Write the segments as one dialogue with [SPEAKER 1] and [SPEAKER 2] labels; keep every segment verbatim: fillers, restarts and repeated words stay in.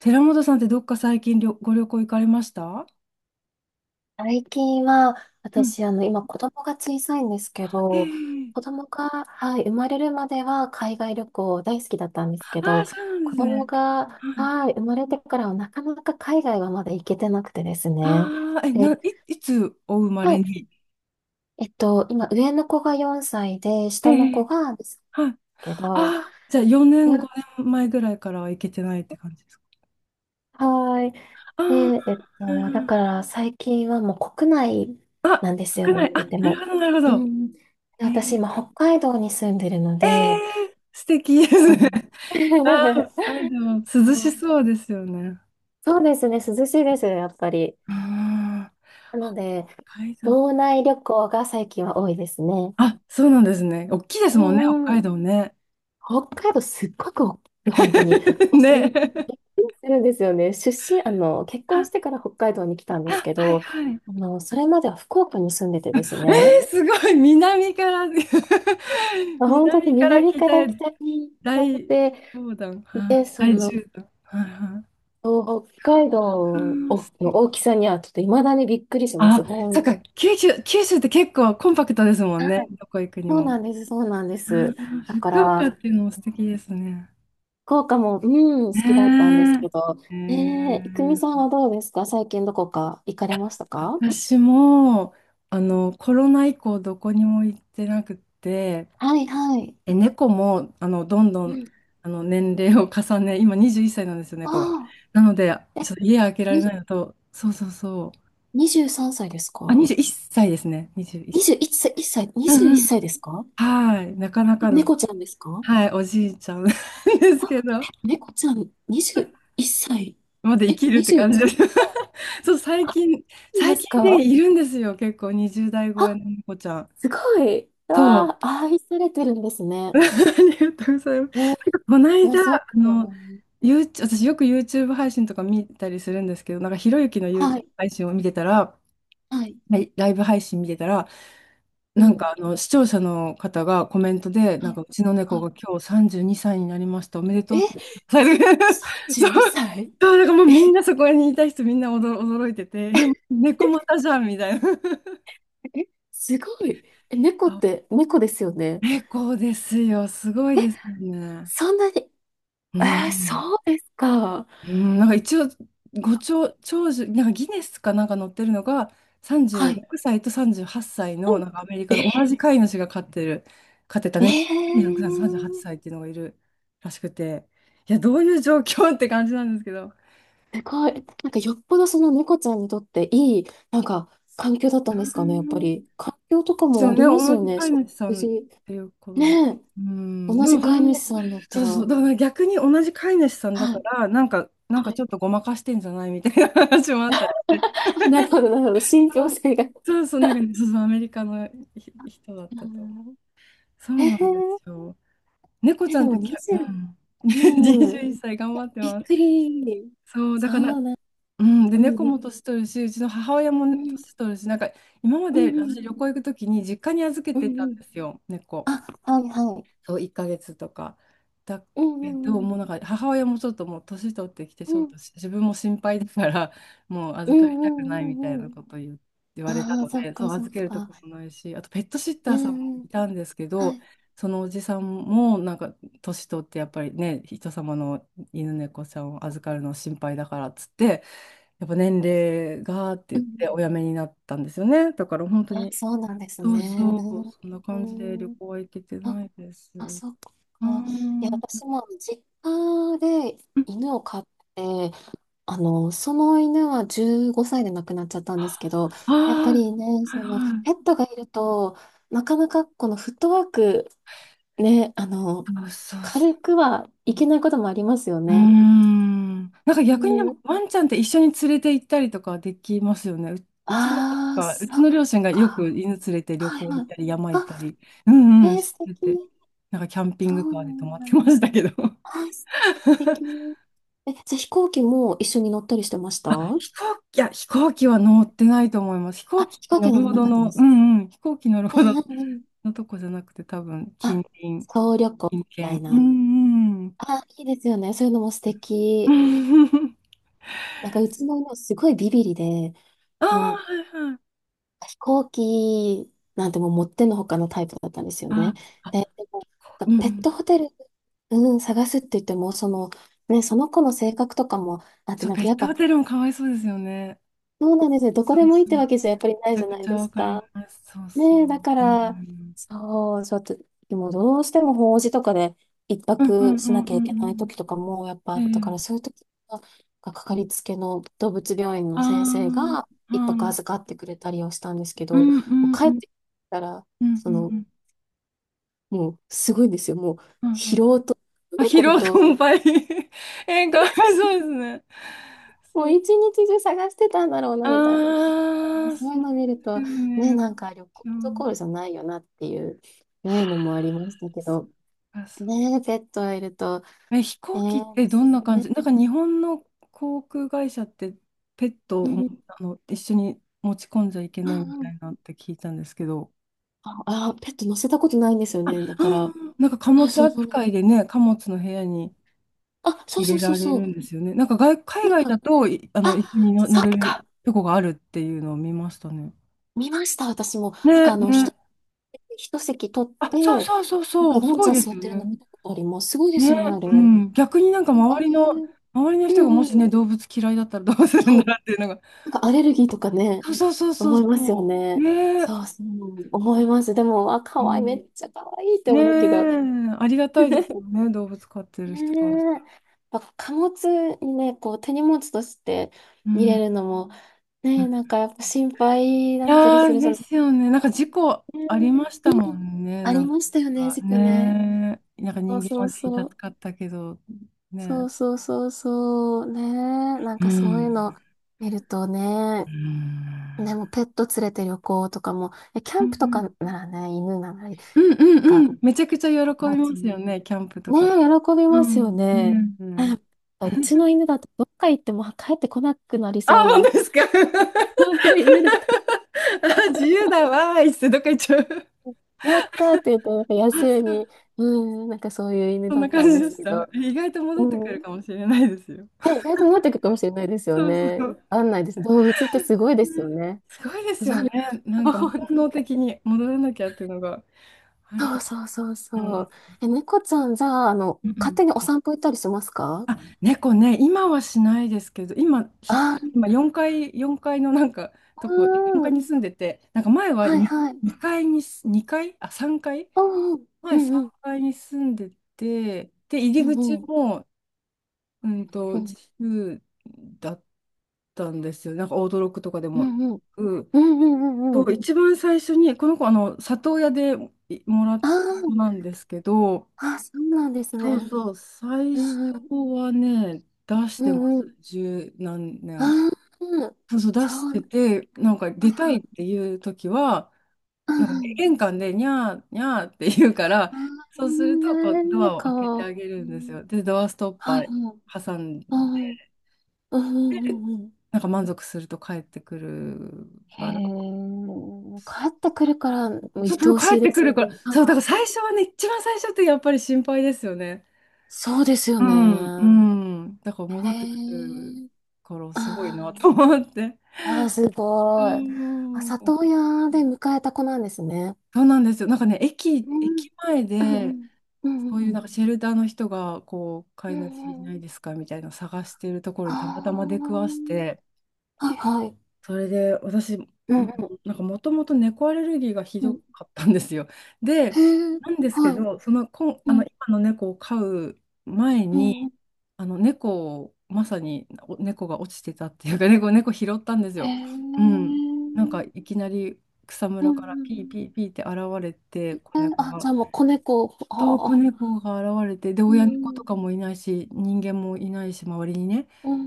[SPEAKER 1] 寺本さんってどっか最近旅ご旅行行かれました？
[SPEAKER 2] 最近は、
[SPEAKER 1] うん。
[SPEAKER 2] 私、あの、今、子供が小さいんですけど、
[SPEAKER 1] え
[SPEAKER 2] 子
[SPEAKER 1] え、
[SPEAKER 2] 供が、はい、生まれるまでは海外旅行大好きだったんです
[SPEAKER 1] あ
[SPEAKER 2] け
[SPEAKER 1] あー、
[SPEAKER 2] ど、
[SPEAKER 1] そうなんで
[SPEAKER 2] 子
[SPEAKER 1] す
[SPEAKER 2] 供
[SPEAKER 1] ね。
[SPEAKER 2] が、
[SPEAKER 1] はい。
[SPEAKER 2] はい、生まれてからはなかなか海外はまだ行けてなくてですね。
[SPEAKER 1] ああ、え、
[SPEAKER 2] で、
[SPEAKER 1] な、い、いつお生ま
[SPEAKER 2] は
[SPEAKER 1] れ
[SPEAKER 2] い、
[SPEAKER 1] に？
[SPEAKER 2] えっと、今、上の子がよんさいで、
[SPEAKER 1] え
[SPEAKER 2] 下の子
[SPEAKER 1] え、
[SPEAKER 2] がです
[SPEAKER 1] はい。
[SPEAKER 2] けど、
[SPEAKER 1] ああ、じゃあよねん、
[SPEAKER 2] な
[SPEAKER 1] ごねんまえぐらいからは行けてないって感じですか？
[SPEAKER 2] はい。
[SPEAKER 1] ああ、
[SPEAKER 2] で、えっ
[SPEAKER 1] う
[SPEAKER 2] と、だ
[SPEAKER 1] ん、
[SPEAKER 2] から最近はもう国内
[SPEAKER 1] あ、
[SPEAKER 2] なんですよ
[SPEAKER 1] 国
[SPEAKER 2] ね、行
[SPEAKER 1] 内、
[SPEAKER 2] って
[SPEAKER 1] あ、
[SPEAKER 2] て
[SPEAKER 1] なる
[SPEAKER 2] も。
[SPEAKER 1] ほど、なる
[SPEAKER 2] う
[SPEAKER 1] ほど。
[SPEAKER 2] ん。で
[SPEAKER 1] え
[SPEAKER 2] 私、
[SPEAKER 1] え、
[SPEAKER 2] 今、北海道に住んでるの
[SPEAKER 1] え
[SPEAKER 2] で、
[SPEAKER 1] え、素敵です
[SPEAKER 2] あ
[SPEAKER 1] ね。
[SPEAKER 2] の
[SPEAKER 1] ああ、北海道、
[SPEAKER 2] あ
[SPEAKER 1] 涼し
[SPEAKER 2] ー
[SPEAKER 1] そうですよね。
[SPEAKER 2] そうですね、涼しいですよ、やっぱり。
[SPEAKER 1] ああ、
[SPEAKER 2] なので、
[SPEAKER 1] 北海道。
[SPEAKER 2] 道内旅行が最近は多いですね。
[SPEAKER 1] あ、そうなんですね。大きいです
[SPEAKER 2] う
[SPEAKER 1] もんね、北
[SPEAKER 2] んう
[SPEAKER 1] 海
[SPEAKER 2] ん。
[SPEAKER 1] 道ね。
[SPEAKER 2] 北海道すっごく多くて、本当に。私、びっ
[SPEAKER 1] ね。
[SPEAKER 2] くりするんですよね。出身、あの、結婚してから北海道に来たんです
[SPEAKER 1] あ、
[SPEAKER 2] け
[SPEAKER 1] はい
[SPEAKER 2] ど、
[SPEAKER 1] はい。
[SPEAKER 2] あの、それまでは福岡に住んでてですね。
[SPEAKER 1] えー、すごい。南から
[SPEAKER 2] 本当
[SPEAKER 1] 南
[SPEAKER 2] に
[SPEAKER 1] から
[SPEAKER 2] 南か
[SPEAKER 1] 北
[SPEAKER 2] ら
[SPEAKER 1] へ
[SPEAKER 2] 北に行っちゃっ
[SPEAKER 1] 大
[SPEAKER 2] て、
[SPEAKER 1] 横断。は
[SPEAKER 2] で、そ
[SPEAKER 1] い、大
[SPEAKER 2] の、
[SPEAKER 1] 縦断。はいはい。
[SPEAKER 2] 北海
[SPEAKER 1] う
[SPEAKER 2] 道
[SPEAKER 1] ん、素
[SPEAKER 2] の
[SPEAKER 1] 敵、
[SPEAKER 2] 大きさにはちょっと未だにびっくりしま
[SPEAKER 1] あ、
[SPEAKER 2] す。ほ
[SPEAKER 1] そっ
[SPEAKER 2] ん、
[SPEAKER 1] か。九州、九州って結構コンパクトですもん
[SPEAKER 2] は
[SPEAKER 1] ね。
[SPEAKER 2] い。
[SPEAKER 1] どこ行くに
[SPEAKER 2] そう
[SPEAKER 1] も。
[SPEAKER 2] なんです、そうなんで
[SPEAKER 1] うん、
[SPEAKER 2] す。だか
[SPEAKER 1] 福岡っ
[SPEAKER 2] ら、
[SPEAKER 1] ていうのも素敵ですね。
[SPEAKER 2] 福岡も、うん、好きだったんですけ
[SPEAKER 1] ね
[SPEAKER 2] ど、
[SPEAKER 1] え。
[SPEAKER 2] ねえ、いくみさん
[SPEAKER 1] え、
[SPEAKER 2] はどうですか？最近どこか行かれましたか？
[SPEAKER 1] 私も、あの、コロナ以降どこにも行ってなくて、
[SPEAKER 2] はいはい。
[SPEAKER 1] え、猫も、あの、どんど
[SPEAKER 2] う
[SPEAKER 1] ん、
[SPEAKER 2] ん。
[SPEAKER 1] あの、年齢を重ね、今にじゅういっさいなんですよ、猫が。
[SPEAKER 2] あ
[SPEAKER 1] なので、
[SPEAKER 2] あ、え、
[SPEAKER 1] ちょっと家開けられ
[SPEAKER 2] に、
[SPEAKER 1] ないのと、そうそうそう。
[SPEAKER 2] にじゅうさんさいです
[SPEAKER 1] あ、
[SPEAKER 2] か？
[SPEAKER 1] にじゅういっさいですね。21
[SPEAKER 2] にじゅういち 歳、いっさい、
[SPEAKER 1] 歳。う
[SPEAKER 2] 21
[SPEAKER 1] んうん。
[SPEAKER 2] 歳ですか？
[SPEAKER 1] はい。なかな
[SPEAKER 2] え、
[SPEAKER 1] かの、
[SPEAKER 2] 猫ちゃんですか？
[SPEAKER 1] はい、おじいちゃん ですけ
[SPEAKER 2] あ、
[SPEAKER 1] ど、
[SPEAKER 2] え、猫ちゃん、にじゅういっさい。
[SPEAKER 1] まだ生
[SPEAKER 2] え、
[SPEAKER 1] きるって
[SPEAKER 2] 21
[SPEAKER 1] 感じで
[SPEAKER 2] 年、
[SPEAKER 1] す。そう、最
[SPEAKER 2] あ、
[SPEAKER 1] 近、
[SPEAKER 2] そうん
[SPEAKER 1] 最
[SPEAKER 2] です
[SPEAKER 1] 近ね、
[SPEAKER 2] か？
[SPEAKER 1] いるんですよ。結構にじゅう代超え
[SPEAKER 2] あ、
[SPEAKER 1] の猫ちゃん。
[SPEAKER 2] すごい。わ
[SPEAKER 1] そ
[SPEAKER 2] あ、愛されてるんです
[SPEAKER 1] う。
[SPEAKER 2] ね。
[SPEAKER 1] ありがとうございます。
[SPEAKER 2] え、
[SPEAKER 1] この
[SPEAKER 2] いや、
[SPEAKER 1] 間、
[SPEAKER 2] そうだ
[SPEAKER 1] あ
[SPEAKER 2] と思
[SPEAKER 1] の、
[SPEAKER 2] います。
[SPEAKER 1] ユーチューブ私よく YouTube 配信とか見たりするんですけど、なんかひろゆきの
[SPEAKER 2] は
[SPEAKER 1] YouTube
[SPEAKER 2] い、
[SPEAKER 1] 配信を見てたら、
[SPEAKER 2] はい、
[SPEAKER 1] はい、ライブ配信見てたら、
[SPEAKER 2] う
[SPEAKER 1] なん
[SPEAKER 2] ん、
[SPEAKER 1] かあの視聴者の方がコメントで、な
[SPEAKER 2] は
[SPEAKER 1] んか
[SPEAKER 2] い、
[SPEAKER 1] うちの猫
[SPEAKER 2] はい。
[SPEAKER 1] が今日さんじゅうにさいにさいになりました、おめでと
[SPEAKER 2] え、
[SPEAKER 1] うって。そう、そ
[SPEAKER 2] さんじゅうにさい？
[SPEAKER 1] う、なんかもう
[SPEAKER 2] え、え、
[SPEAKER 1] みんなそこにいた人みんな驚、驚いてて、え、猫またじゃんみたいな。
[SPEAKER 2] すごい。え、猫っ
[SPEAKER 1] そう、
[SPEAKER 2] て、猫ですよね。
[SPEAKER 1] 猫ですよ、すごい
[SPEAKER 2] え、
[SPEAKER 1] ですよね。
[SPEAKER 2] そんなに、
[SPEAKER 1] う
[SPEAKER 2] えー
[SPEAKER 1] ん。
[SPEAKER 2] そうですか。
[SPEAKER 1] うん、なんか一応、ご長、長寿、なんかギネスかなんか載ってるのが、
[SPEAKER 2] は
[SPEAKER 1] 36
[SPEAKER 2] い。
[SPEAKER 1] 歳とさんじゅうはっさいの、
[SPEAKER 2] う
[SPEAKER 1] な
[SPEAKER 2] ん。
[SPEAKER 1] んかアメリカ
[SPEAKER 2] え、
[SPEAKER 1] の同じ飼い主が飼ってる、飼ってた
[SPEAKER 2] え
[SPEAKER 1] 猫、さんじゅうろくさいと38
[SPEAKER 2] ー
[SPEAKER 1] 歳っさいっていうのがいるらしくて、いや、どういう状況って感じなんですけど、
[SPEAKER 2] すごい。なんかよっぽどその猫ちゃんにとっていい、なんか環境だったんです
[SPEAKER 1] う
[SPEAKER 2] かね、やっぱ
[SPEAKER 1] ん、
[SPEAKER 2] り。環境とか
[SPEAKER 1] で
[SPEAKER 2] も
[SPEAKER 1] も
[SPEAKER 2] あ
[SPEAKER 1] ね、
[SPEAKER 2] ります
[SPEAKER 1] 同
[SPEAKER 2] よ
[SPEAKER 1] じ
[SPEAKER 2] ね、
[SPEAKER 1] 飼い
[SPEAKER 2] 食
[SPEAKER 1] 主さんっ
[SPEAKER 2] 事。
[SPEAKER 1] ていうことだ。
[SPEAKER 2] ねえ、
[SPEAKER 1] うん、
[SPEAKER 2] 同
[SPEAKER 1] でも
[SPEAKER 2] じ
[SPEAKER 1] そ
[SPEAKER 2] 飼
[SPEAKER 1] れ
[SPEAKER 2] い主
[SPEAKER 1] も、
[SPEAKER 2] さんだった
[SPEAKER 1] そう
[SPEAKER 2] ら。
[SPEAKER 1] そう、
[SPEAKER 2] は
[SPEAKER 1] だからね、逆に同じ飼い主さんだか
[SPEAKER 2] い。
[SPEAKER 1] ら、なんか、なん
[SPEAKER 2] は
[SPEAKER 1] か
[SPEAKER 2] い。
[SPEAKER 1] ちょっとごまかしてんじゃないみたいな話もあったり。
[SPEAKER 2] なるほど、なるほど。信
[SPEAKER 1] そ
[SPEAKER 2] 憑
[SPEAKER 1] う
[SPEAKER 2] 性が。
[SPEAKER 1] そうそう、なんかね、そうそう、アメリカのひ人だっ
[SPEAKER 2] う
[SPEAKER 1] たと思う。
[SPEAKER 2] ん。
[SPEAKER 1] そ
[SPEAKER 2] え
[SPEAKER 1] うなんで
[SPEAKER 2] ー、
[SPEAKER 1] すよ。猫ち
[SPEAKER 2] え、
[SPEAKER 1] ゃ
[SPEAKER 2] で
[SPEAKER 1] んっ
[SPEAKER 2] も
[SPEAKER 1] てきゃ、う
[SPEAKER 2] にじゅう、
[SPEAKER 1] ん、
[SPEAKER 2] う
[SPEAKER 1] 21
[SPEAKER 2] ん。
[SPEAKER 1] 歳頑張って
[SPEAKER 2] び
[SPEAKER 1] ま
[SPEAKER 2] っ
[SPEAKER 1] す。
[SPEAKER 2] くり。
[SPEAKER 1] そう、だ
[SPEAKER 2] そ
[SPEAKER 1] か
[SPEAKER 2] う
[SPEAKER 1] ら、
[SPEAKER 2] なんだ。
[SPEAKER 1] う
[SPEAKER 2] う
[SPEAKER 1] ん、
[SPEAKER 2] ん、
[SPEAKER 1] で、
[SPEAKER 2] う
[SPEAKER 1] 猫
[SPEAKER 2] ん、
[SPEAKER 1] も年取るし、うちの母親も
[SPEAKER 2] うん、
[SPEAKER 1] 年取るし、なんか今ま
[SPEAKER 2] う
[SPEAKER 1] で私旅
[SPEAKER 2] ん、
[SPEAKER 1] 行行くときに実家に預け
[SPEAKER 2] う
[SPEAKER 1] て
[SPEAKER 2] ん、
[SPEAKER 1] た
[SPEAKER 2] う
[SPEAKER 1] ん
[SPEAKER 2] ん。
[SPEAKER 1] ですよ、猫。
[SPEAKER 2] あ、はい、はい。
[SPEAKER 1] そう、いっかげつとか。だ
[SPEAKER 2] う
[SPEAKER 1] けど、
[SPEAKER 2] ん、うん、
[SPEAKER 1] もうなんか母親もちょっともう年取ってきて、
[SPEAKER 2] う
[SPEAKER 1] ちょっ
[SPEAKER 2] ん、
[SPEAKER 1] と自分も心配だから、もう
[SPEAKER 2] う
[SPEAKER 1] 預かり
[SPEAKER 2] ん、う
[SPEAKER 1] たくな
[SPEAKER 2] ん、
[SPEAKER 1] い
[SPEAKER 2] う
[SPEAKER 1] みたい
[SPEAKER 2] ん、う
[SPEAKER 1] な
[SPEAKER 2] ん。
[SPEAKER 1] こと言う言われた
[SPEAKER 2] ああ、
[SPEAKER 1] の
[SPEAKER 2] そっ
[SPEAKER 1] で、そ
[SPEAKER 2] か
[SPEAKER 1] う、
[SPEAKER 2] そっ
[SPEAKER 1] 預けると
[SPEAKER 2] か。
[SPEAKER 1] こもないし、あとペットシッタ
[SPEAKER 2] う
[SPEAKER 1] ーさんも
[SPEAKER 2] ん、
[SPEAKER 1] いたんですけ
[SPEAKER 2] は
[SPEAKER 1] ど、
[SPEAKER 2] い。
[SPEAKER 1] そのおじさんもなんか年取ってやっぱりね、人様の犬猫ちゃんを預かるの心配だからっつって、やっぱ年齢がって
[SPEAKER 2] う
[SPEAKER 1] 言っ
[SPEAKER 2] ん。
[SPEAKER 1] てお辞めになったんですよね。だから本当
[SPEAKER 2] あ、
[SPEAKER 1] に、
[SPEAKER 2] そうなんです
[SPEAKER 1] そう
[SPEAKER 2] ね。
[SPEAKER 1] そ
[SPEAKER 2] う
[SPEAKER 1] う、
[SPEAKER 2] ん。
[SPEAKER 1] そんな感じで旅
[SPEAKER 2] うん。
[SPEAKER 1] 行は行けて
[SPEAKER 2] あ、
[SPEAKER 1] ないです。
[SPEAKER 2] あ、そっ
[SPEAKER 1] う
[SPEAKER 2] か。いや、
[SPEAKER 1] ーん。
[SPEAKER 2] 私も実家で犬を飼って、あの、その犬はじゅうごさいで亡くなっちゃったんですけど、
[SPEAKER 1] あ
[SPEAKER 2] やっぱ
[SPEAKER 1] あ、
[SPEAKER 2] りね、
[SPEAKER 1] はい
[SPEAKER 2] その、
[SPEAKER 1] は
[SPEAKER 2] ペットがいると、なかなかこのフットワーク、ね、あの、
[SPEAKER 1] い。楽しそうっす。
[SPEAKER 2] 軽くはいけないこともありますよ
[SPEAKER 1] うー
[SPEAKER 2] ね。
[SPEAKER 1] ん。なんか
[SPEAKER 2] う
[SPEAKER 1] 逆にで
[SPEAKER 2] ん。
[SPEAKER 1] もワンちゃんって一緒に連れて行ったりとかできますよね。う、うちの、
[SPEAKER 2] ああ、
[SPEAKER 1] なんかう
[SPEAKER 2] そ
[SPEAKER 1] ち
[SPEAKER 2] っ
[SPEAKER 1] の両親がよく
[SPEAKER 2] か。
[SPEAKER 1] 犬連れて旅
[SPEAKER 2] はい
[SPEAKER 1] 行
[SPEAKER 2] は
[SPEAKER 1] 行っ
[SPEAKER 2] い。
[SPEAKER 1] たり山行っ
[SPEAKER 2] あ、
[SPEAKER 1] たり、う
[SPEAKER 2] え
[SPEAKER 1] んうん
[SPEAKER 2] ー、
[SPEAKER 1] し
[SPEAKER 2] 素敵。
[SPEAKER 1] てて、なんかキャンピン
[SPEAKER 2] そ
[SPEAKER 1] グ
[SPEAKER 2] う
[SPEAKER 1] カーで泊まっ
[SPEAKER 2] な
[SPEAKER 1] てまし
[SPEAKER 2] んだ。
[SPEAKER 1] たけど。
[SPEAKER 2] あ、素敵、素敵。え、じゃあ飛行機も一緒に乗ったりしてました？
[SPEAKER 1] あ、飛行機、いや、飛行機は乗ってないと思います。飛行
[SPEAKER 2] あ、
[SPEAKER 1] 機
[SPEAKER 2] 飛行
[SPEAKER 1] に乗
[SPEAKER 2] 機乗
[SPEAKER 1] る
[SPEAKER 2] れ
[SPEAKER 1] ほ
[SPEAKER 2] な
[SPEAKER 1] ど
[SPEAKER 2] かったで
[SPEAKER 1] の、う
[SPEAKER 2] す。
[SPEAKER 1] んうん、飛行機乗る
[SPEAKER 2] う
[SPEAKER 1] ほど
[SPEAKER 2] んうんうん。
[SPEAKER 1] のとこじゃなくて、多分近
[SPEAKER 2] あ、
[SPEAKER 1] 隣、
[SPEAKER 2] 総旅行
[SPEAKER 1] 近
[SPEAKER 2] みたい
[SPEAKER 1] 県。う
[SPEAKER 2] な。
[SPEAKER 1] んうん。
[SPEAKER 2] あ、いいですよね。そういうのも素
[SPEAKER 1] あ
[SPEAKER 2] 敵。なんかうちの犬すごいビビリで、
[SPEAKER 1] あ、
[SPEAKER 2] もう
[SPEAKER 1] はいはい。
[SPEAKER 2] 飛行機なんてもう持ってんのほかのタイプだったんですよね。
[SPEAKER 1] あ、あ、
[SPEAKER 2] で、でも
[SPEAKER 1] こ
[SPEAKER 2] なん
[SPEAKER 1] う、う
[SPEAKER 2] かペット
[SPEAKER 1] ん。
[SPEAKER 2] ホテル、うん、探すって言っても、その、ね、その子の性格とかもあって、
[SPEAKER 1] そう、
[SPEAKER 2] なん
[SPEAKER 1] ベ
[SPEAKER 2] か
[SPEAKER 1] ッ
[SPEAKER 2] やっ
[SPEAKER 1] ドホ
[SPEAKER 2] ぱ
[SPEAKER 1] テルもかわいそうですよね。
[SPEAKER 2] そうなんですね。どこ
[SPEAKER 1] そ
[SPEAKER 2] で
[SPEAKER 1] う
[SPEAKER 2] もいいっ
[SPEAKER 1] そう。
[SPEAKER 2] て
[SPEAKER 1] め
[SPEAKER 2] わけじゃやっぱりな
[SPEAKER 1] ち
[SPEAKER 2] いじ
[SPEAKER 1] ゃ
[SPEAKER 2] ゃ
[SPEAKER 1] く
[SPEAKER 2] ない
[SPEAKER 1] ちゃ
[SPEAKER 2] で
[SPEAKER 1] わ
[SPEAKER 2] す
[SPEAKER 1] かり
[SPEAKER 2] か。
[SPEAKER 1] ます。そうそ
[SPEAKER 2] ねえ、だ
[SPEAKER 1] う。
[SPEAKER 2] か
[SPEAKER 1] う
[SPEAKER 2] ら、
[SPEAKER 1] ん。
[SPEAKER 2] そう、ちょっとでもどうしても法事とかで一
[SPEAKER 1] うんう
[SPEAKER 2] 泊
[SPEAKER 1] んう
[SPEAKER 2] しな
[SPEAKER 1] ん
[SPEAKER 2] きゃい
[SPEAKER 1] う
[SPEAKER 2] けない
[SPEAKER 1] ん
[SPEAKER 2] 時とかもやっぱあ
[SPEAKER 1] う
[SPEAKER 2] った
[SPEAKER 1] ん。
[SPEAKER 2] か
[SPEAKER 1] え
[SPEAKER 2] ら、
[SPEAKER 1] え。
[SPEAKER 2] そういう時は、かかりつけの動物病院
[SPEAKER 1] あ
[SPEAKER 2] の先生が
[SPEAKER 1] あ、
[SPEAKER 2] 一泊
[SPEAKER 1] はい。
[SPEAKER 2] 預かってくれたりをしたんですけ
[SPEAKER 1] う
[SPEAKER 2] ど、
[SPEAKER 1] んう
[SPEAKER 2] もう
[SPEAKER 1] んう
[SPEAKER 2] 帰っ
[SPEAKER 1] ん。
[SPEAKER 2] てきたら、
[SPEAKER 1] うんう
[SPEAKER 2] そ
[SPEAKER 1] んう
[SPEAKER 2] の、
[SPEAKER 1] ん。
[SPEAKER 2] もうすごいんですよ。もう
[SPEAKER 1] うんう
[SPEAKER 2] 疲
[SPEAKER 1] ん。
[SPEAKER 2] 労と
[SPEAKER 1] あ、疲
[SPEAKER 2] 喜び
[SPEAKER 1] 労
[SPEAKER 2] と、
[SPEAKER 1] 困憊。ええ、かわいそうですね。
[SPEAKER 2] も
[SPEAKER 1] そ
[SPEAKER 2] う
[SPEAKER 1] う。
[SPEAKER 2] 一日中探してたんだろうな、みたいな。
[SPEAKER 1] ああ、
[SPEAKER 2] そうい
[SPEAKER 1] そ
[SPEAKER 2] う
[SPEAKER 1] うで
[SPEAKER 2] の見る
[SPEAKER 1] す
[SPEAKER 2] と、
[SPEAKER 1] よ
[SPEAKER 2] ね、
[SPEAKER 1] ね。
[SPEAKER 2] なんか旅行
[SPEAKER 1] そ
[SPEAKER 2] どこ
[SPEAKER 1] う。
[SPEAKER 2] ろじゃないよなっていう、ね、
[SPEAKER 1] は
[SPEAKER 2] の
[SPEAKER 1] あ、
[SPEAKER 2] もありましたけ
[SPEAKER 1] そ
[SPEAKER 2] ど、
[SPEAKER 1] っか、そっか、
[SPEAKER 2] ね、ペットがいると、
[SPEAKER 1] え、飛
[SPEAKER 2] え
[SPEAKER 1] 行機っ
[SPEAKER 2] ー、
[SPEAKER 1] て
[SPEAKER 2] で
[SPEAKER 1] ど
[SPEAKER 2] すよ
[SPEAKER 1] んな感
[SPEAKER 2] ね。
[SPEAKER 1] じなんか日本の航空会社ってペット
[SPEAKER 2] う
[SPEAKER 1] も
[SPEAKER 2] ん
[SPEAKER 1] あの一緒に持ち込んじゃいけ
[SPEAKER 2] う
[SPEAKER 1] ないみ
[SPEAKER 2] んう
[SPEAKER 1] た
[SPEAKER 2] ん。
[SPEAKER 1] いなって聞いたんですけど、
[SPEAKER 2] あ、あ、ペット乗せたことないんですよね。だ
[SPEAKER 1] う
[SPEAKER 2] から、
[SPEAKER 1] ん、なんか貨物
[SPEAKER 2] あ、そうそう。
[SPEAKER 1] 扱いでね、貨物の部屋に
[SPEAKER 2] あ、そう
[SPEAKER 1] 入
[SPEAKER 2] そ
[SPEAKER 1] れ
[SPEAKER 2] うそ
[SPEAKER 1] ら
[SPEAKER 2] う
[SPEAKER 1] れ
[SPEAKER 2] そ
[SPEAKER 1] るん
[SPEAKER 2] う。
[SPEAKER 1] ですよね。なんか外、海
[SPEAKER 2] なん
[SPEAKER 1] 外
[SPEAKER 2] か、
[SPEAKER 1] だといあの一緒に
[SPEAKER 2] あ、
[SPEAKER 1] の乗
[SPEAKER 2] そっ
[SPEAKER 1] れる
[SPEAKER 2] か。
[SPEAKER 1] とこがあるっていうのを見ましたね。
[SPEAKER 2] 見ました、私も。なん
[SPEAKER 1] ね、
[SPEAKER 2] かあの、
[SPEAKER 1] ね。
[SPEAKER 2] 一一席取っ
[SPEAKER 1] あ、
[SPEAKER 2] て、
[SPEAKER 1] そうそうそう
[SPEAKER 2] なん
[SPEAKER 1] そ
[SPEAKER 2] か
[SPEAKER 1] う、す
[SPEAKER 2] ワン
[SPEAKER 1] ご
[SPEAKER 2] ちゃん
[SPEAKER 1] いで
[SPEAKER 2] 座
[SPEAKER 1] す
[SPEAKER 2] っ
[SPEAKER 1] よ
[SPEAKER 2] てるの
[SPEAKER 1] ね。
[SPEAKER 2] 見たことあります。すごいです
[SPEAKER 1] ね、
[SPEAKER 2] よね、あれ。
[SPEAKER 1] う
[SPEAKER 2] あ
[SPEAKER 1] ん。逆になんか
[SPEAKER 2] れ、
[SPEAKER 1] 周りの、周りの
[SPEAKER 2] う
[SPEAKER 1] 人がも
[SPEAKER 2] ん
[SPEAKER 1] し
[SPEAKER 2] う
[SPEAKER 1] ね、
[SPEAKER 2] ん。
[SPEAKER 1] 動物嫌いだったらどうするん
[SPEAKER 2] そ
[SPEAKER 1] だ
[SPEAKER 2] う、
[SPEAKER 1] ろうっていうのが。
[SPEAKER 2] なんかアレルギーとかね、
[SPEAKER 1] そうそうそうそう
[SPEAKER 2] 思いますよ
[SPEAKER 1] そう。
[SPEAKER 2] ね。
[SPEAKER 1] ねえ、
[SPEAKER 2] そうそう、思います。でも、あ、
[SPEAKER 1] う
[SPEAKER 2] 可愛い、め
[SPEAKER 1] ん、
[SPEAKER 2] っちゃ可愛いって
[SPEAKER 1] ね
[SPEAKER 2] 思うけど。
[SPEAKER 1] え、ありがたいですよ ね、動物飼って
[SPEAKER 2] ね
[SPEAKER 1] る人からし
[SPEAKER 2] え、や
[SPEAKER 1] た
[SPEAKER 2] っ
[SPEAKER 1] ら。
[SPEAKER 2] ぱ貨物にね、こう手荷物として
[SPEAKER 1] う
[SPEAKER 2] 入れ
[SPEAKER 1] ん。
[SPEAKER 2] るのも、
[SPEAKER 1] う
[SPEAKER 2] ねえ、
[SPEAKER 1] ん、
[SPEAKER 2] なんかやっぱ心配だ
[SPEAKER 1] い
[SPEAKER 2] ったり
[SPEAKER 1] や
[SPEAKER 2] す
[SPEAKER 1] ー、
[SPEAKER 2] るじゃ
[SPEAKER 1] で
[SPEAKER 2] ないです
[SPEAKER 1] すよね。なん
[SPEAKER 2] か。
[SPEAKER 1] か事故
[SPEAKER 2] ね
[SPEAKER 1] あり
[SPEAKER 2] え、
[SPEAKER 1] ましたもんね、
[SPEAKER 2] あ
[SPEAKER 1] な
[SPEAKER 2] り
[SPEAKER 1] ん
[SPEAKER 2] ましたよね、
[SPEAKER 1] か、
[SPEAKER 2] 事故ね。
[SPEAKER 1] ねえ、なんか
[SPEAKER 2] そ
[SPEAKER 1] 人
[SPEAKER 2] う
[SPEAKER 1] 間
[SPEAKER 2] そ
[SPEAKER 1] は
[SPEAKER 2] う
[SPEAKER 1] 全員助
[SPEAKER 2] そう。
[SPEAKER 1] かったけど、
[SPEAKER 2] そ
[SPEAKER 1] ね
[SPEAKER 2] うそうそうそう。ねえ、なん
[SPEAKER 1] え。う
[SPEAKER 2] かそういう
[SPEAKER 1] ん。
[SPEAKER 2] の見るとね、
[SPEAKER 1] うん。
[SPEAKER 2] でもペット連れて旅行とかも、えキャ
[SPEAKER 1] う
[SPEAKER 2] ンプとか
[SPEAKER 1] ん
[SPEAKER 2] ならね、犬なら、なん
[SPEAKER 1] うんう
[SPEAKER 2] か、
[SPEAKER 1] んうん。めちゃくちゃ喜
[SPEAKER 2] 友
[SPEAKER 1] び
[SPEAKER 2] 達
[SPEAKER 1] ますよ
[SPEAKER 2] に。
[SPEAKER 1] ね、キャンプと
[SPEAKER 2] ねえ、
[SPEAKER 1] か。
[SPEAKER 2] 喜び
[SPEAKER 1] う
[SPEAKER 2] ますよ
[SPEAKER 1] ん。
[SPEAKER 2] ね。
[SPEAKER 1] ねえ。
[SPEAKER 2] あ、うちの犬だとどっか行っても帰ってこなくなり
[SPEAKER 1] あ、
[SPEAKER 2] そう
[SPEAKER 1] 本
[SPEAKER 2] な、
[SPEAKER 1] 当ですか？あ、
[SPEAKER 2] そういう犬だった。
[SPEAKER 1] 自由だわーいっつってどっか行っちゃう。
[SPEAKER 2] やったーって言って、なんか野
[SPEAKER 1] あ、
[SPEAKER 2] 生
[SPEAKER 1] そう、
[SPEAKER 2] に、うん、なんかそういう犬
[SPEAKER 1] そん
[SPEAKER 2] だ
[SPEAKER 1] な
[SPEAKER 2] っ
[SPEAKER 1] 感
[SPEAKER 2] たん
[SPEAKER 1] じ
[SPEAKER 2] で
[SPEAKER 1] で
[SPEAKER 2] す
[SPEAKER 1] し
[SPEAKER 2] け
[SPEAKER 1] た。
[SPEAKER 2] ど。
[SPEAKER 1] 意外と戻ってく
[SPEAKER 2] う
[SPEAKER 1] る
[SPEAKER 2] ん。
[SPEAKER 1] かもしれないですよ。
[SPEAKER 2] ね、意外となっていくかもしれないですよ
[SPEAKER 1] そう
[SPEAKER 2] ね。
[SPEAKER 1] そう。
[SPEAKER 2] わかんないです。動物ってすごいですよね。
[SPEAKER 1] すごいです
[SPEAKER 2] そう。
[SPEAKER 1] よね。なんかも う本能的に戻らなきゃっていうのがある
[SPEAKER 2] そう
[SPEAKER 1] か
[SPEAKER 2] そうそうそ
[SPEAKER 1] も。う
[SPEAKER 2] う。え、猫ちゃん、じゃあ、あの、
[SPEAKER 1] んう
[SPEAKER 2] 勝手
[SPEAKER 1] ん、
[SPEAKER 2] にお散歩行ったりしますか？
[SPEAKER 1] 猫ね、今はしないですけど、今、ひ
[SPEAKER 2] あ
[SPEAKER 1] 今よんかい、よんかいのなんかとこ、よん
[SPEAKER 2] う
[SPEAKER 1] かい
[SPEAKER 2] ん。
[SPEAKER 1] に住んでて、なんか前は
[SPEAKER 2] はい
[SPEAKER 1] に
[SPEAKER 2] はい。
[SPEAKER 1] にかいに、にかい、あ、3階
[SPEAKER 2] うん
[SPEAKER 1] 前
[SPEAKER 2] うん。
[SPEAKER 1] さんかいに住んでて、で、入
[SPEAKER 2] う
[SPEAKER 1] り
[SPEAKER 2] ん
[SPEAKER 1] 口
[SPEAKER 2] うん。
[SPEAKER 1] もうん
[SPEAKER 2] う
[SPEAKER 1] と、
[SPEAKER 2] んうん。
[SPEAKER 1] じゅうだったんですよ。なんか驚くとかで
[SPEAKER 2] う
[SPEAKER 1] も。
[SPEAKER 2] んうん。
[SPEAKER 1] うん。
[SPEAKER 2] うんうんうんう
[SPEAKER 1] と、
[SPEAKER 2] ん。
[SPEAKER 1] 一番最初に、この子、あの、里親でいもらった
[SPEAKER 2] あ
[SPEAKER 1] 子なんですけど、
[SPEAKER 2] あ、あ、そうなんです
[SPEAKER 1] そう
[SPEAKER 2] ね。
[SPEAKER 1] そう、最
[SPEAKER 2] う
[SPEAKER 1] 初
[SPEAKER 2] んうん。
[SPEAKER 1] はね、出し
[SPEAKER 2] う
[SPEAKER 1] てまし
[SPEAKER 2] んう
[SPEAKER 1] たね。
[SPEAKER 2] ん。
[SPEAKER 1] 十何
[SPEAKER 2] あ
[SPEAKER 1] 年。
[SPEAKER 2] あ、
[SPEAKER 1] そうそう、出
[SPEAKER 2] そ
[SPEAKER 1] して
[SPEAKER 2] う。
[SPEAKER 1] て、なんか
[SPEAKER 2] はい
[SPEAKER 1] 出た
[SPEAKER 2] は
[SPEAKER 1] いっ
[SPEAKER 2] い。
[SPEAKER 1] ていう時は、
[SPEAKER 2] う
[SPEAKER 1] なんか
[SPEAKER 2] ん
[SPEAKER 1] 玄関でにゃーにゃーって言うから、
[SPEAKER 2] う
[SPEAKER 1] そうする
[SPEAKER 2] ん。
[SPEAKER 1] と、こう、ド
[SPEAKER 2] ああ、
[SPEAKER 1] アを
[SPEAKER 2] か。
[SPEAKER 1] 開けてあげ
[SPEAKER 2] う
[SPEAKER 1] るんです
[SPEAKER 2] ん。
[SPEAKER 1] よ。で、ドアストッパ
[SPEAKER 2] はい
[SPEAKER 1] ー
[SPEAKER 2] はい。
[SPEAKER 1] 挟ん
[SPEAKER 2] うんうんうんうん。
[SPEAKER 1] なんか満足すると帰ってくる
[SPEAKER 2] へ
[SPEAKER 1] から、
[SPEAKER 2] え、帰ってくるからもう
[SPEAKER 1] ち
[SPEAKER 2] 愛
[SPEAKER 1] ょっと
[SPEAKER 2] お
[SPEAKER 1] 帰
[SPEAKER 2] し
[SPEAKER 1] っ
[SPEAKER 2] いで
[SPEAKER 1] てく
[SPEAKER 2] す
[SPEAKER 1] る
[SPEAKER 2] よね。
[SPEAKER 1] から、そう、だから最初はね、一番最初ってやっぱり心配ですよね。
[SPEAKER 2] そうですよ
[SPEAKER 1] うん、う
[SPEAKER 2] ね。
[SPEAKER 1] ん、だから戻
[SPEAKER 2] へ
[SPEAKER 1] ってくる
[SPEAKER 2] え、
[SPEAKER 1] からすごい
[SPEAKER 2] あ
[SPEAKER 1] な
[SPEAKER 2] ー、
[SPEAKER 1] と思って。
[SPEAKER 2] あー、す
[SPEAKER 1] う
[SPEAKER 2] ごい。あ、
[SPEAKER 1] ん、
[SPEAKER 2] 里親で迎えた子なんですね。
[SPEAKER 1] そうなんですよ。なんかね、駅、
[SPEAKER 2] うん
[SPEAKER 1] 駅前
[SPEAKER 2] う
[SPEAKER 1] で、
[SPEAKER 2] んう
[SPEAKER 1] そ
[SPEAKER 2] ん
[SPEAKER 1] ういう
[SPEAKER 2] う
[SPEAKER 1] なん
[SPEAKER 2] ん
[SPEAKER 1] かシェルターの人が、こう、飼
[SPEAKER 2] う
[SPEAKER 1] い主い
[SPEAKER 2] んう
[SPEAKER 1] な
[SPEAKER 2] ん。
[SPEAKER 1] いですかみたいなのを探してるところにたまたま
[SPEAKER 2] あ
[SPEAKER 1] 出くわして、
[SPEAKER 2] あ、はいはい。
[SPEAKER 1] それで私、
[SPEAKER 2] う
[SPEAKER 1] う
[SPEAKER 2] ん
[SPEAKER 1] ん、
[SPEAKER 2] う
[SPEAKER 1] なんかもともと猫アレルギーがひ
[SPEAKER 2] んう
[SPEAKER 1] ど
[SPEAKER 2] ん。
[SPEAKER 1] かったんですよ。で、
[SPEAKER 2] へえ、
[SPEAKER 1] なんですけ
[SPEAKER 2] はい。
[SPEAKER 1] ど、その、こん、あ
[SPEAKER 2] う
[SPEAKER 1] の
[SPEAKER 2] ん
[SPEAKER 1] 今の猫を飼う前
[SPEAKER 2] うんう
[SPEAKER 1] に、
[SPEAKER 2] ん。
[SPEAKER 1] あの猫を、まさにお猫が落ちてたっていうか、猫、猫拾ったんです
[SPEAKER 2] へ
[SPEAKER 1] よ。
[SPEAKER 2] え、う
[SPEAKER 1] うん。なんか
[SPEAKER 2] ん
[SPEAKER 1] いきなり草む
[SPEAKER 2] う
[SPEAKER 1] らからピー
[SPEAKER 2] ん
[SPEAKER 1] ピーピーって現れて、
[SPEAKER 2] う
[SPEAKER 1] 子
[SPEAKER 2] ん。え
[SPEAKER 1] 猫
[SPEAKER 2] あ、じゃあ
[SPEAKER 1] が。
[SPEAKER 2] もう子猫、
[SPEAKER 1] そう、子
[SPEAKER 2] ああ、
[SPEAKER 1] 猫が現れて、で、
[SPEAKER 2] う
[SPEAKER 1] 親猫と
[SPEAKER 2] ん
[SPEAKER 1] かもいないし、人間もいないし、周りにね。
[SPEAKER 2] うん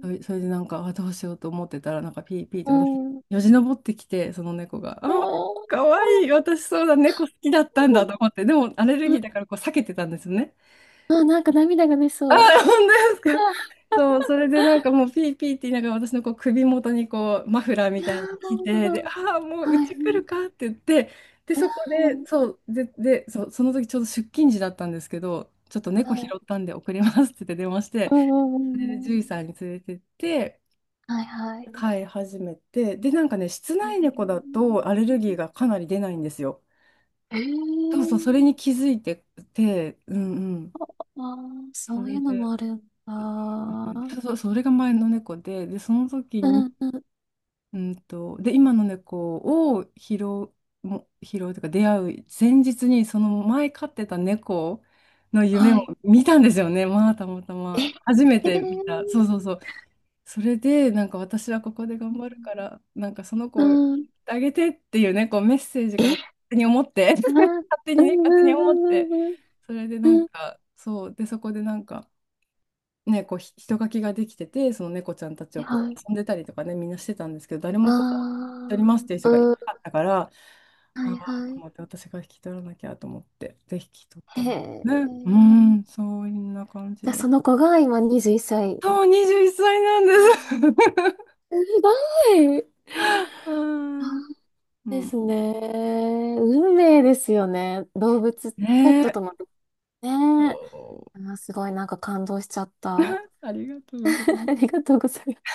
[SPEAKER 2] う
[SPEAKER 1] そ
[SPEAKER 2] ん。
[SPEAKER 1] れ、それでなんか、あ、どうしようと思ってたら、なんかピーピーって
[SPEAKER 2] う
[SPEAKER 1] 私、
[SPEAKER 2] ん。
[SPEAKER 1] よじ登ってきて、その猫が、
[SPEAKER 2] あー、
[SPEAKER 1] あ、
[SPEAKER 2] は
[SPEAKER 1] かわいい、私そうだ、猫好きだったんだ
[SPEAKER 2] い。
[SPEAKER 1] と思って、でもアレルギーだからこう避けてたんですよね。
[SPEAKER 2] あ、あ、なんか涙が出
[SPEAKER 1] あ、
[SPEAKER 2] そう。
[SPEAKER 1] 本当ですか？
[SPEAKER 2] あ、
[SPEAKER 1] そう、それでなんかもうピーピーって言いながら私のこう首元にこうマフラー
[SPEAKER 2] い
[SPEAKER 1] み
[SPEAKER 2] やー、
[SPEAKER 1] た
[SPEAKER 2] な
[SPEAKER 1] いに
[SPEAKER 2] る
[SPEAKER 1] 来
[SPEAKER 2] ほ
[SPEAKER 1] て、で、
[SPEAKER 2] ど。
[SPEAKER 1] ああ、もうう
[SPEAKER 2] はい。
[SPEAKER 1] ち
[SPEAKER 2] う
[SPEAKER 1] 来る
[SPEAKER 2] ん。
[SPEAKER 1] かって言って、で、そこで、そう、で、で、そう、その時ちょうど出勤時だったんですけど、ちょっと
[SPEAKER 2] は
[SPEAKER 1] 猫拾
[SPEAKER 2] い。
[SPEAKER 1] ったんで送りますって言って電話して、
[SPEAKER 2] うんうんう
[SPEAKER 1] で
[SPEAKER 2] んう
[SPEAKER 1] 獣医
[SPEAKER 2] ん。
[SPEAKER 1] さんに連れてって、
[SPEAKER 2] はいはい。
[SPEAKER 1] 飼い始めて、で、なんかね、室
[SPEAKER 2] え
[SPEAKER 1] 内猫だ
[SPEAKER 2] ー、
[SPEAKER 1] とアレルギーがかなり出ないんですよ。
[SPEAKER 2] え
[SPEAKER 1] そうそう、
[SPEAKER 2] ー、
[SPEAKER 1] それに気づいてて、うんうん。
[SPEAKER 2] あー、
[SPEAKER 1] そ
[SPEAKER 2] そうい
[SPEAKER 1] れ
[SPEAKER 2] うの
[SPEAKER 1] で、
[SPEAKER 2] もあるんだ。
[SPEAKER 1] うん、そ
[SPEAKER 2] う
[SPEAKER 1] うそう、それが前の猫で、で、その時に、
[SPEAKER 2] んうん。
[SPEAKER 1] うんと、で、今の猫を拾う、も拾うというか、出会う前日に、その前飼ってた猫の夢
[SPEAKER 2] は
[SPEAKER 1] を
[SPEAKER 2] い。
[SPEAKER 1] 見たんですよね、まあ、たまた
[SPEAKER 2] え、
[SPEAKER 1] ま。
[SPEAKER 2] え
[SPEAKER 1] 初め
[SPEAKER 2] ー、
[SPEAKER 1] て見た。そうそうそう。それで、なんか私はここで頑張るから、なんかその子
[SPEAKER 2] う
[SPEAKER 1] を
[SPEAKER 2] ん。
[SPEAKER 1] あげてっていうね、こうメッセージ
[SPEAKER 2] え、
[SPEAKER 1] が勝手に思って、
[SPEAKER 2] あ
[SPEAKER 1] 勝
[SPEAKER 2] ー、
[SPEAKER 1] 手
[SPEAKER 2] う
[SPEAKER 1] にね、
[SPEAKER 2] んう
[SPEAKER 1] 勝手に思っ
[SPEAKER 2] ん
[SPEAKER 1] て、
[SPEAKER 2] うんうん
[SPEAKER 1] それでなん
[SPEAKER 2] うん。
[SPEAKER 1] か、そう、で、そこでなんか、ね、こうひ人垣ができてて、その猫ちゃんたち
[SPEAKER 2] う
[SPEAKER 1] を
[SPEAKER 2] ん。
[SPEAKER 1] こ
[SPEAKER 2] は
[SPEAKER 1] う
[SPEAKER 2] い。
[SPEAKER 1] 遊んでたりとかね、みんなしてたんですけど、誰
[SPEAKER 2] あ
[SPEAKER 1] もこう、引き取りま
[SPEAKER 2] ー、
[SPEAKER 1] すっていう人がい
[SPEAKER 2] う
[SPEAKER 1] なか
[SPEAKER 2] ん。
[SPEAKER 1] ったから、
[SPEAKER 2] は
[SPEAKER 1] あ
[SPEAKER 2] い
[SPEAKER 1] あ、
[SPEAKER 2] は
[SPEAKER 1] と
[SPEAKER 2] い。
[SPEAKER 1] 思って、私が引き取らなきゃと思って、で、引き取っ
[SPEAKER 2] へ
[SPEAKER 1] たの。
[SPEAKER 2] え。
[SPEAKER 1] ね、うーん、そんな感じ
[SPEAKER 2] じゃあ
[SPEAKER 1] で。
[SPEAKER 2] その子が今にじゅういっさい。
[SPEAKER 1] そう、にじゅういっさいなんです。
[SPEAKER 2] すごい。
[SPEAKER 1] う
[SPEAKER 2] そ
[SPEAKER 1] ん。
[SPEAKER 2] う
[SPEAKER 1] う
[SPEAKER 2] で
[SPEAKER 1] ん、
[SPEAKER 2] すね。運命ですよね。動物、ペ
[SPEAKER 1] ね
[SPEAKER 2] ット
[SPEAKER 1] え。
[SPEAKER 2] とも。ねえ。
[SPEAKER 1] そ
[SPEAKER 2] あーすごいなんか感動しちゃった。
[SPEAKER 1] う、ありがとうござい ま
[SPEAKER 2] あり
[SPEAKER 1] す。
[SPEAKER 2] がとうございます。